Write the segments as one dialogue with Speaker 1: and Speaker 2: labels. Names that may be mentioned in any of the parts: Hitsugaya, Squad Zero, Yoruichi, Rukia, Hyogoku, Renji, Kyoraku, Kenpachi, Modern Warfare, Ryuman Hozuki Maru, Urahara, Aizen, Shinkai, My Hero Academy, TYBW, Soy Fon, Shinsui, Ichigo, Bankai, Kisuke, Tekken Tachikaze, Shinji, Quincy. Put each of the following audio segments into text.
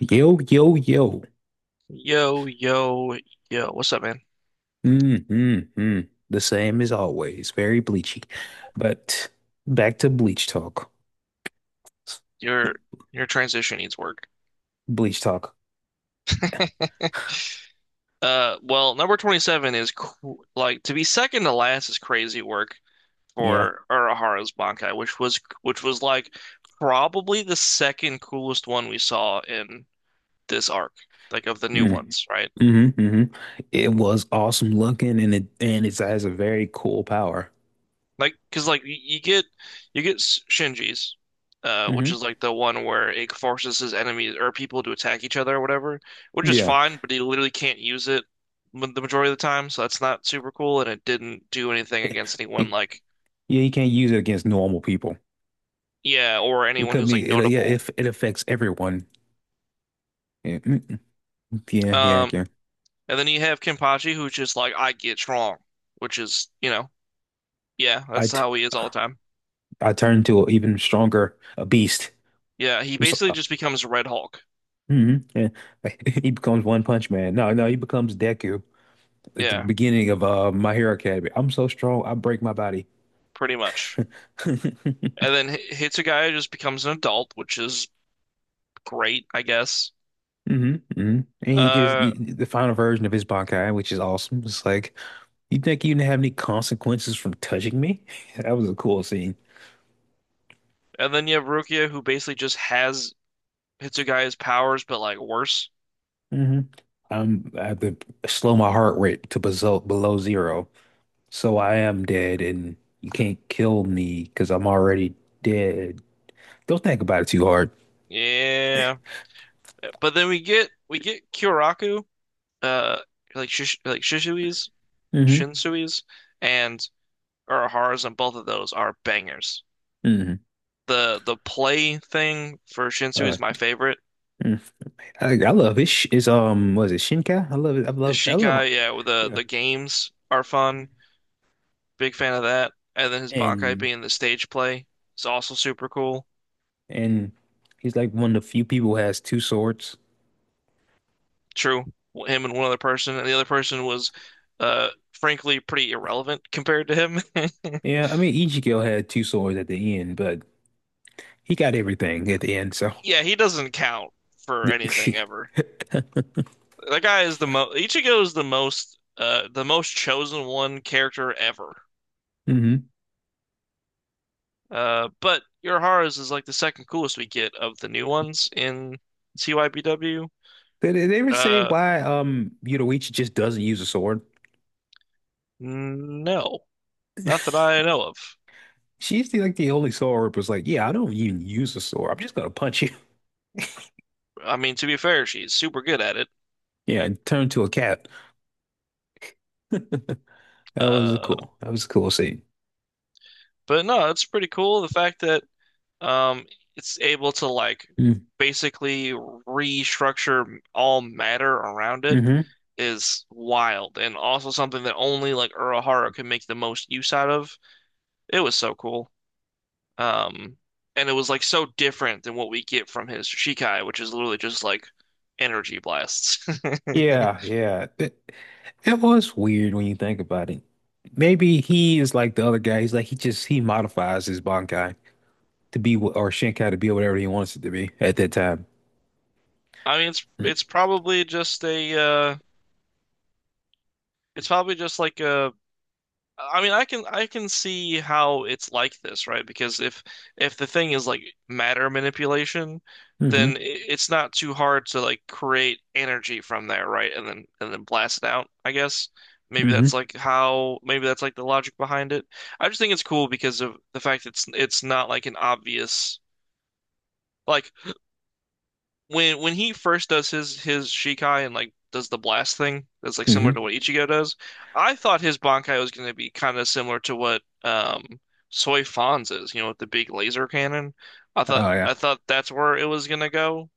Speaker 1: Yo, yo, yo.
Speaker 2: Yo, yo, yo. What's up, man?
Speaker 1: Mm, mm, mm. The same as always. Very bleachy. But back to bleach talk.
Speaker 2: Your your transition needs work.
Speaker 1: Bleach talk.
Speaker 2: Well, number 27 is cr like to be second to last is crazy work
Speaker 1: Yeah.
Speaker 2: for Urahara's Bankai, which was like probably the second coolest one we saw in this arc, like of the new
Speaker 1: Mm,
Speaker 2: ones, right?
Speaker 1: hmm hmm. It was awesome looking and it has a very cool power.
Speaker 2: Like, because like you get Shinji's, which
Speaker 1: Hmm.
Speaker 2: is like the one where it forces his enemies or people to attack each other or whatever, which is
Speaker 1: Yeah.
Speaker 2: fine, but he literally can't use it the majority of the time, so that's not super cool, and it didn't do anything
Speaker 1: Yeah,
Speaker 2: against anyone like
Speaker 1: yeah, you can't use it against normal people.
Speaker 2: yeah or
Speaker 1: It
Speaker 2: anyone
Speaker 1: could
Speaker 2: who's like
Speaker 1: be it, yeah,
Speaker 2: notable.
Speaker 1: if it affects everyone. Yeah, mm, mm, yeah, yeah,
Speaker 2: Um,
Speaker 1: yeah.
Speaker 2: and then you have Kenpachi, who's just like I get strong, which is yeah,
Speaker 1: I
Speaker 2: that's
Speaker 1: t
Speaker 2: how he is all the time.
Speaker 1: I turned to an even stronger a beast.
Speaker 2: Yeah, he
Speaker 1: I'm so-
Speaker 2: basically just becomes Red Hulk.
Speaker 1: hmm Yeah. He becomes One Punch Man. No, no, he becomes Deku at the
Speaker 2: Yeah,
Speaker 1: beginning of My Hero Academy. I'm so strong, I break my body.
Speaker 2: pretty much.
Speaker 1: Hmm
Speaker 2: And then Hitsugaya just becomes an adult, which is great, I guess.
Speaker 1: hmm. And he just
Speaker 2: Uh,
Speaker 1: the final version of his Bankai, which is awesome. It's like, you think you didn't have any consequences from touching me? That was a cool scene.
Speaker 2: and then you have Rukia, who basically just has Hitsugaya's powers, but like worse.
Speaker 1: Hmm. I have to slow my heart rate to below zero, so I am dead, and you can't kill me because I'm already dead. Don't think about it too hard.
Speaker 2: Yeah. But then we get Kyoraku, uh, like Shish like Shisui's,
Speaker 1: Mm-hmm.
Speaker 2: Shinsui's, and Urahara's, and both of those are bangers.
Speaker 1: Hmm.
Speaker 2: The play thing for Shinsui
Speaker 1: Uh,
Speaker 2: is my favorite.
Speaker 1: mm. I love it. It's was it Shinkai? I love it. I
Speaker 2: The
Speaker 1: love. I love.
Speaker 2: Shikai, yeah, with
Speaker 1: Yeah.
Speaker 2: the games are fun. Big fan of that. And then his Bankai
Speaker 1: And
Speaker 2: being the stage play is also super cool.
Speaker 1: and he's like one of the few people who has two swords.
Speaker 2: True. Him and one other person, and the other person was, frankly, pretty irrelevant compared to him.
Speaker 1: Yeah, I mean Ichigo had two swords at the end, but he got everything at the end. So.
Speaker 2: Yeah, he doesn't count for anything ever.
Speaker 1: Hmm.
Speaker 2: That guy is the most. Ichigo is the most chosen one character ever. But Urahara's is like the second coolest we get of the new ones in TYBW.
Speaker 1: Did they ever say
Speaker 2: Uh,
Speaker 1: why Yoruichi just doesn't use a sword?
Speaker 2: no, not that I know of.
Speaker 1: She's the, like the only sword was like, yeah, I don't even use a sword. I'm just gonna punch you.
Speaker 2: I mean, to be fair, she's super good at it.
Speaker 1: Yeah, and turn to a cat. That was a
Speaker 2: Uh,
Speaker 1: cool. That was a cool scene.
Speaker 2: but no, it's pretty cool the fact that um, it's able to like basically restructure all matter around it
Speaker 1: Hmm.
Speaker 2: is wild, and also something that only like Urahara can make the most use out of. It was so cool. Um, and it was like so different than what we get from his Shikai, which is literally just like energy blasts.
Speaker 1: Yeah, yeah. It was weird when you think about it. Maybe he is like the other guy. He's like he just he modifies his Bankai to be or Shinkai to be whatever he wants it to be at that time.
Speaker 2: I mean, it's probably just a it's probably just like a I mean, I can see how it's like this, right? Because if the thing is like matter manipulation,
Speaker 1: Hmm
Speaker 2: then it's not too hard to like create energy from there, right? And then blast it out, I guess. Maybe that's
Speaker 1: hmm
Speaker 2: like how maybe that's like the logic behind it. I just think it's cool because of the fact it's not like an obvious like when he first does his Shikai and like does the blast thing that's like similar to
Speaker 1: hmm.
Speaker 2: what Ichigo does, I thought his Bankai was going to be kind of similar to what Soy Fon's is, you know, with the big laser cannon. I thought
Speaker 1: Oh yeah.
Speaker 2: I thought that's where it was going to go.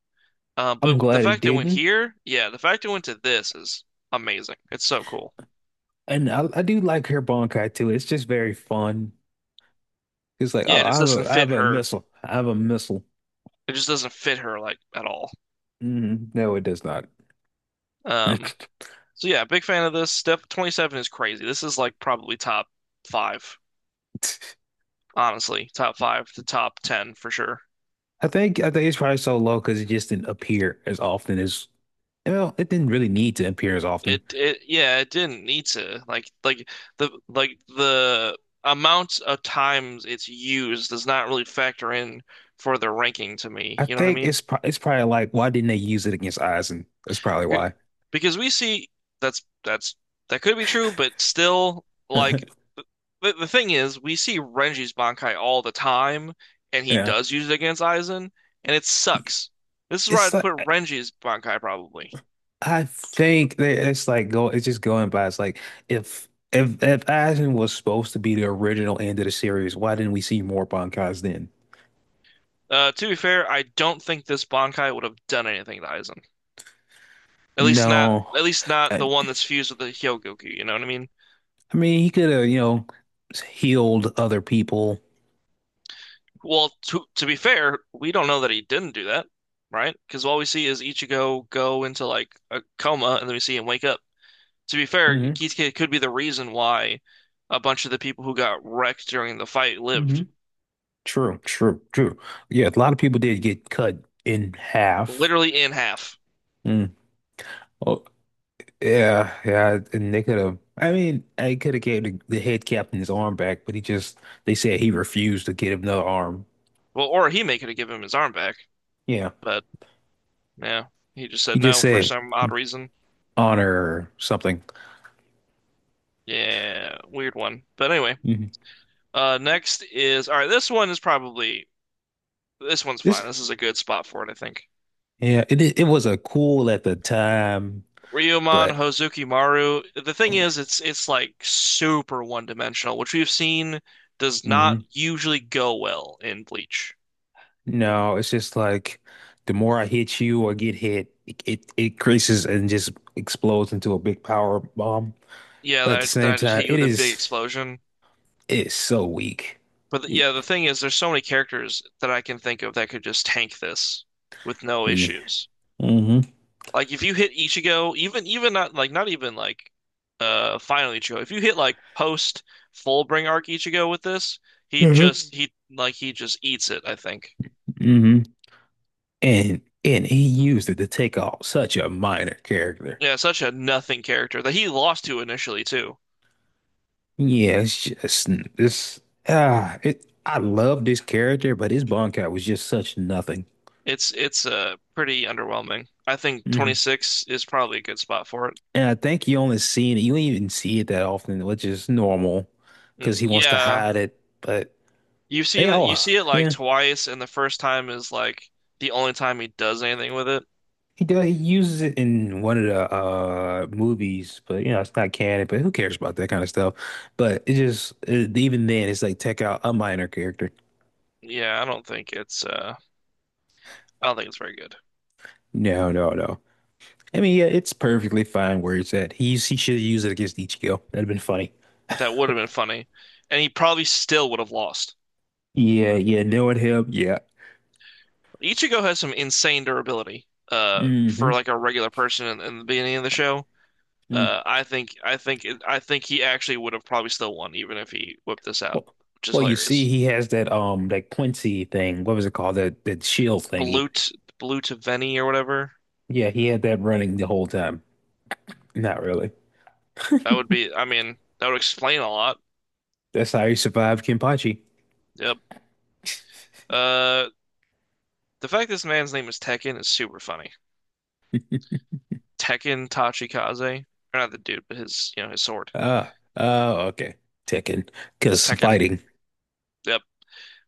Speaker 1: I'm
Speaker 2: But the
Speaker 1: glad it
Speaker 2: fact it went
Speaker 1: didn't.
Speaker 2: here, yeah, the fact it went to this is amazing. It's so cool.
Speaker 1: And I do like her Bankai too. It's just very fun. It's like,
Speaker 2: Yeah,
Speaker 1: oh,
Speaker 2: it just doesn't
Speaker 1: I
Speaker 2: fit
Speaker 1: have a
Speaker 2: her.
Speaker 1: missile. I have a missile.
Speaker 2: It just doesn't fit her like at all.
Speaker 1: Hmm. No, it does not.
Speaker 2: Um, so yeah, big fan of this. Step 27 is crazy. This is like probably top five honestly, top five to top ten for sure.
Speaker 1: I think it's probably so low because it just didn't appear as often as. Well, it didn't really need to appear as often.
Speaker 2: It Yeah, it didn't need to the amount of times it's used does not really factor in for the ranking to me.
Speaker 1: I
Speaker 2: You know what I
Speaker 1: think
Speaker 2: mean?
Speaker 1: it's pro it's probably like, why didn't they use it against Aizen? That's probably
Speaker 2: C-
Speaker 1: why.
Speaker 2: Because we see that's that could be true, but still like the thing is we see Renji's Bankai all the time and he
Speaker 1: Yeah,
Speaker 2: does use it against Aizen and it sucks. This is where
Speaker 1: it's
Speaker 2: I'd
Speaker 1: like
Speaker 2: put
Speaker 1: I
Speaker 2: Renji's Bankai probably.
Speaker 1: I think that it's like go it's just going by. It's like if Aizen was supposed to be the original end of the series, why didn't we see more Bankais then?
Speaker 2: To be fair, I don't think this Bankai would have done anything to Aizen.
Speaker 1: No,
Speaker 2: At least not
Speaker 1: I,
Speaker 2: the one that's fused with the Hyogoku. You know what I mean?
Speaker 1: I mean he could have, healed other people.
Speaker 2: Well, to be fair, we don't know that he didn't do that, right? Because all we see is Ichigo go into like a coma, and then we see him wake up. To be fair,
Speaker 1: Hmm
Speaker 2: Kisuke could be the reason why a bunch of the people who got wrecked during the fight
Speaker 1: hmm.
Speaker 2: lived,
Speaker 1: True, true, true. Yeah, a lot of people did get cut in half.
Speaker 2: literally in half.
Speaker 1: Mm. Oh, yeah, yeah, and they could have. I mean, I could have gave the head captain his arm back, but he just they said he refused to give him another arm.
Speaker 2: Well, or he may could have given him his arm back,
Speaker 1: Yeah,
Speaker 2: but yeah, he just said
Speaker 1: he just
Speaker 2: no for
Speaker 1: said
Speaker 2: some odd reason.
Speaker 1: honor or something.
Speaker 2: Yeah, weird one. But anyway.
Speaker 1: Hmm.
Speaker 2: Next is all right. This one is probably this one's fine.
Speaker 1: This,
Speaker 2: This is a good spot for it, I think.
Speaker 1: yeah, it was a cool at the time,
Speaker 2: Ryuman
Speaker 1: but
Speaker 2: Hozuki Maru. The thing is, it's like super one dimensional, which we've seen does not
Speaker 1: mhm.
Speaker 2: usually go well in Bleach.
Speaker 1: No, it's just like the more I hit you or get hit, it creases and just explodes into a big power bomb.
Speaker 2: Yeah,
Speaker 1: But at the
Speaker 2: that, that
Speaker 1: same
Speaker 2: I just
Speaker 1: time,
Speaker 2: hit you with a big explosion.
Speaker 1: it is so weak.
Speaker 2: But
Speaker 1: It,
Speaker 2: yeah, the thing is, there's so many characters that I can think of that could just tank this with no
Speaker 1: yeah.
Speaker 2: issues.
Speaker 1: Hmm
Speaker 2: Like if you hit Ichigo, even even not like not even like final Ichigo. If you hit like post Fullbring arc Ichigo with this, he just he just eats it, I think.
Speaker 1: hmm. And he used it to take off such a minor character.
Speaker 2: Yeah, such a nothing character that he lost to initially too.
Speaker 1: Yeah, it's just this it I love this character, but his Bonkai was just such nothing.
Speaker 2: It's pretty underwhelming. I think
Speaker 1: Hmm.
Speaker 2: 26 is probably a good spot for it.
Speaker 1: And I think you only see it, you don't even see it that often, which is normal because he wants to
Speaker 2: Yeah,
Speaker 1: hide it. But they
Speaker 2: you
Speaker 1: all,
Speaker 2: see it like
Speaker 1: yeah,
Speaker 2: twice and the first time is like the only time he does anything with it.
Speaker 1: he does. He uses it in one of the movies, but you know it's not canon. But who cares about that kind of stuff? But it just, even then, it's like take out a minor character.
Speaker 2: Yeah, I don't think it's I don't think it's very good.
Speaker 1: No, no, no. I mean, yeah, it's perfectly fine where it's at. He should have used it against Ichigo. That'd have been funny.
Speaker 2: That would have been funny. And he probably still would have lost.
Speaker 1: Yeah, yeah, knowing him, yeah.
Speaker 2: Ichigo has some insane durability
Speaker 1: Hmm.
Speaker 2: for like a regular person in the beginning of the show.
Speaker 1: Mm.
Speaker 2: I think he actually would have probably still won even if he whipped this out,
Speaker 1: Well,
Speaker 2: which is
Speaker 1: well, you see,
Speaker 2: hilarious.
Speaker 1: he has that that Quincy thing. What was it called? That that shield thingy.
Speaker 2: Blute Blute Veni or whatever.
Speaker 1: Yeah, he had that running the whole time. Not really.
Speaker 2: That would be I mean, that would explain a lot.
Speaker 1: That's how he survived Kenpachi.
Speaker 2: Yep. Uh the fact this man's name is Tekken is super funny. Tekken Tachikaze. Or not the dude, but his you know, his sword.
Speaker 1: Ah, oh, okay. Tekken, because
Speaker 2: Tekken.
Speaker 1: fighting.
Speaker 2: Yep.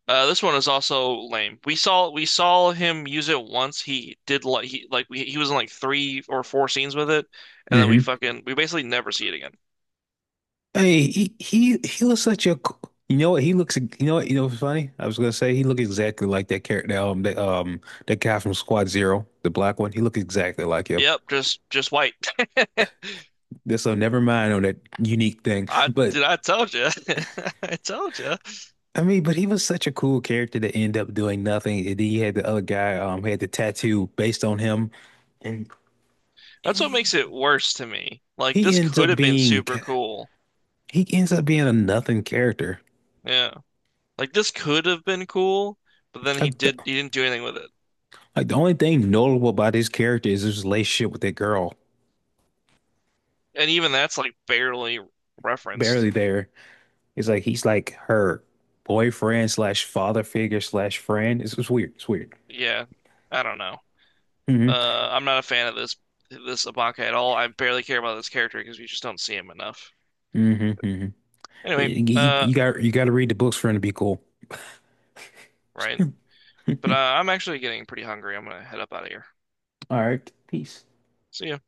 Speaker 2: This one is also lame. We saw him use it once. He did like he was in like three or four scenes with it, and then we
Speaker 1: Mm-hmm.
Speaker 2: fucking we basically never see it again.
Speaker 1: Hey, he looks such a you know what you know what's funny? I was gonna say he looked exactly like that character that that guy from Squad Zero, the black one. He looked exactly like him.
Speaker 2: Yep, just white.
Speaker 1: This so never mind on that unique thing. But
Speaker 2: I told you. I told you.
Speaker 1: I mean, but he was such a cool character to end up doing nothing. And then you had the other guy had the tattoo based on him, and, and
Speaker 2: That's what
Speaker 1: he ends
Speaker 2: makes
Speaker 1: up
Speaker 2: it worse to me. Like
Speaker 1: he
Speaker 2: this
Speaker 1: ends
Speaker 2: could
Speaker 1: up
Speaker 2: have been
Speaker 1: being
Speaker 2: super cool.
Speaker 1: he ends up being a nothing character.
Speaker 2: Yeah. Like this could have been cool, but then
Speaker 1: Like the
Speaker 2: he didn't do anything with it.
Speaker 1: like the only thing notable about his character is his relationship with that girl.
Speaker 2: And even that's like barely referenced.
Speaker 1: Barely there. It's like he's like her boyfriend/father figure/friend. It's weird. It's weird.
Speaker 2: Yeah. I don't know.
Speaker 1: Hmm
Speaker 2: I'm not a fan of this Ibaka at all. I barely care about this character because we just don't see him enough.
Speaker 1: hmm hmm.
Speaker 2: Anyway,
Speaker 1: You, you got to read the books for him to be cool.
Speaker 2: right. But I'm actually getting pretty hungry. I'm gonna head up out of here.
Speaker 1: All right. Peace.
Speaker 2: See ya.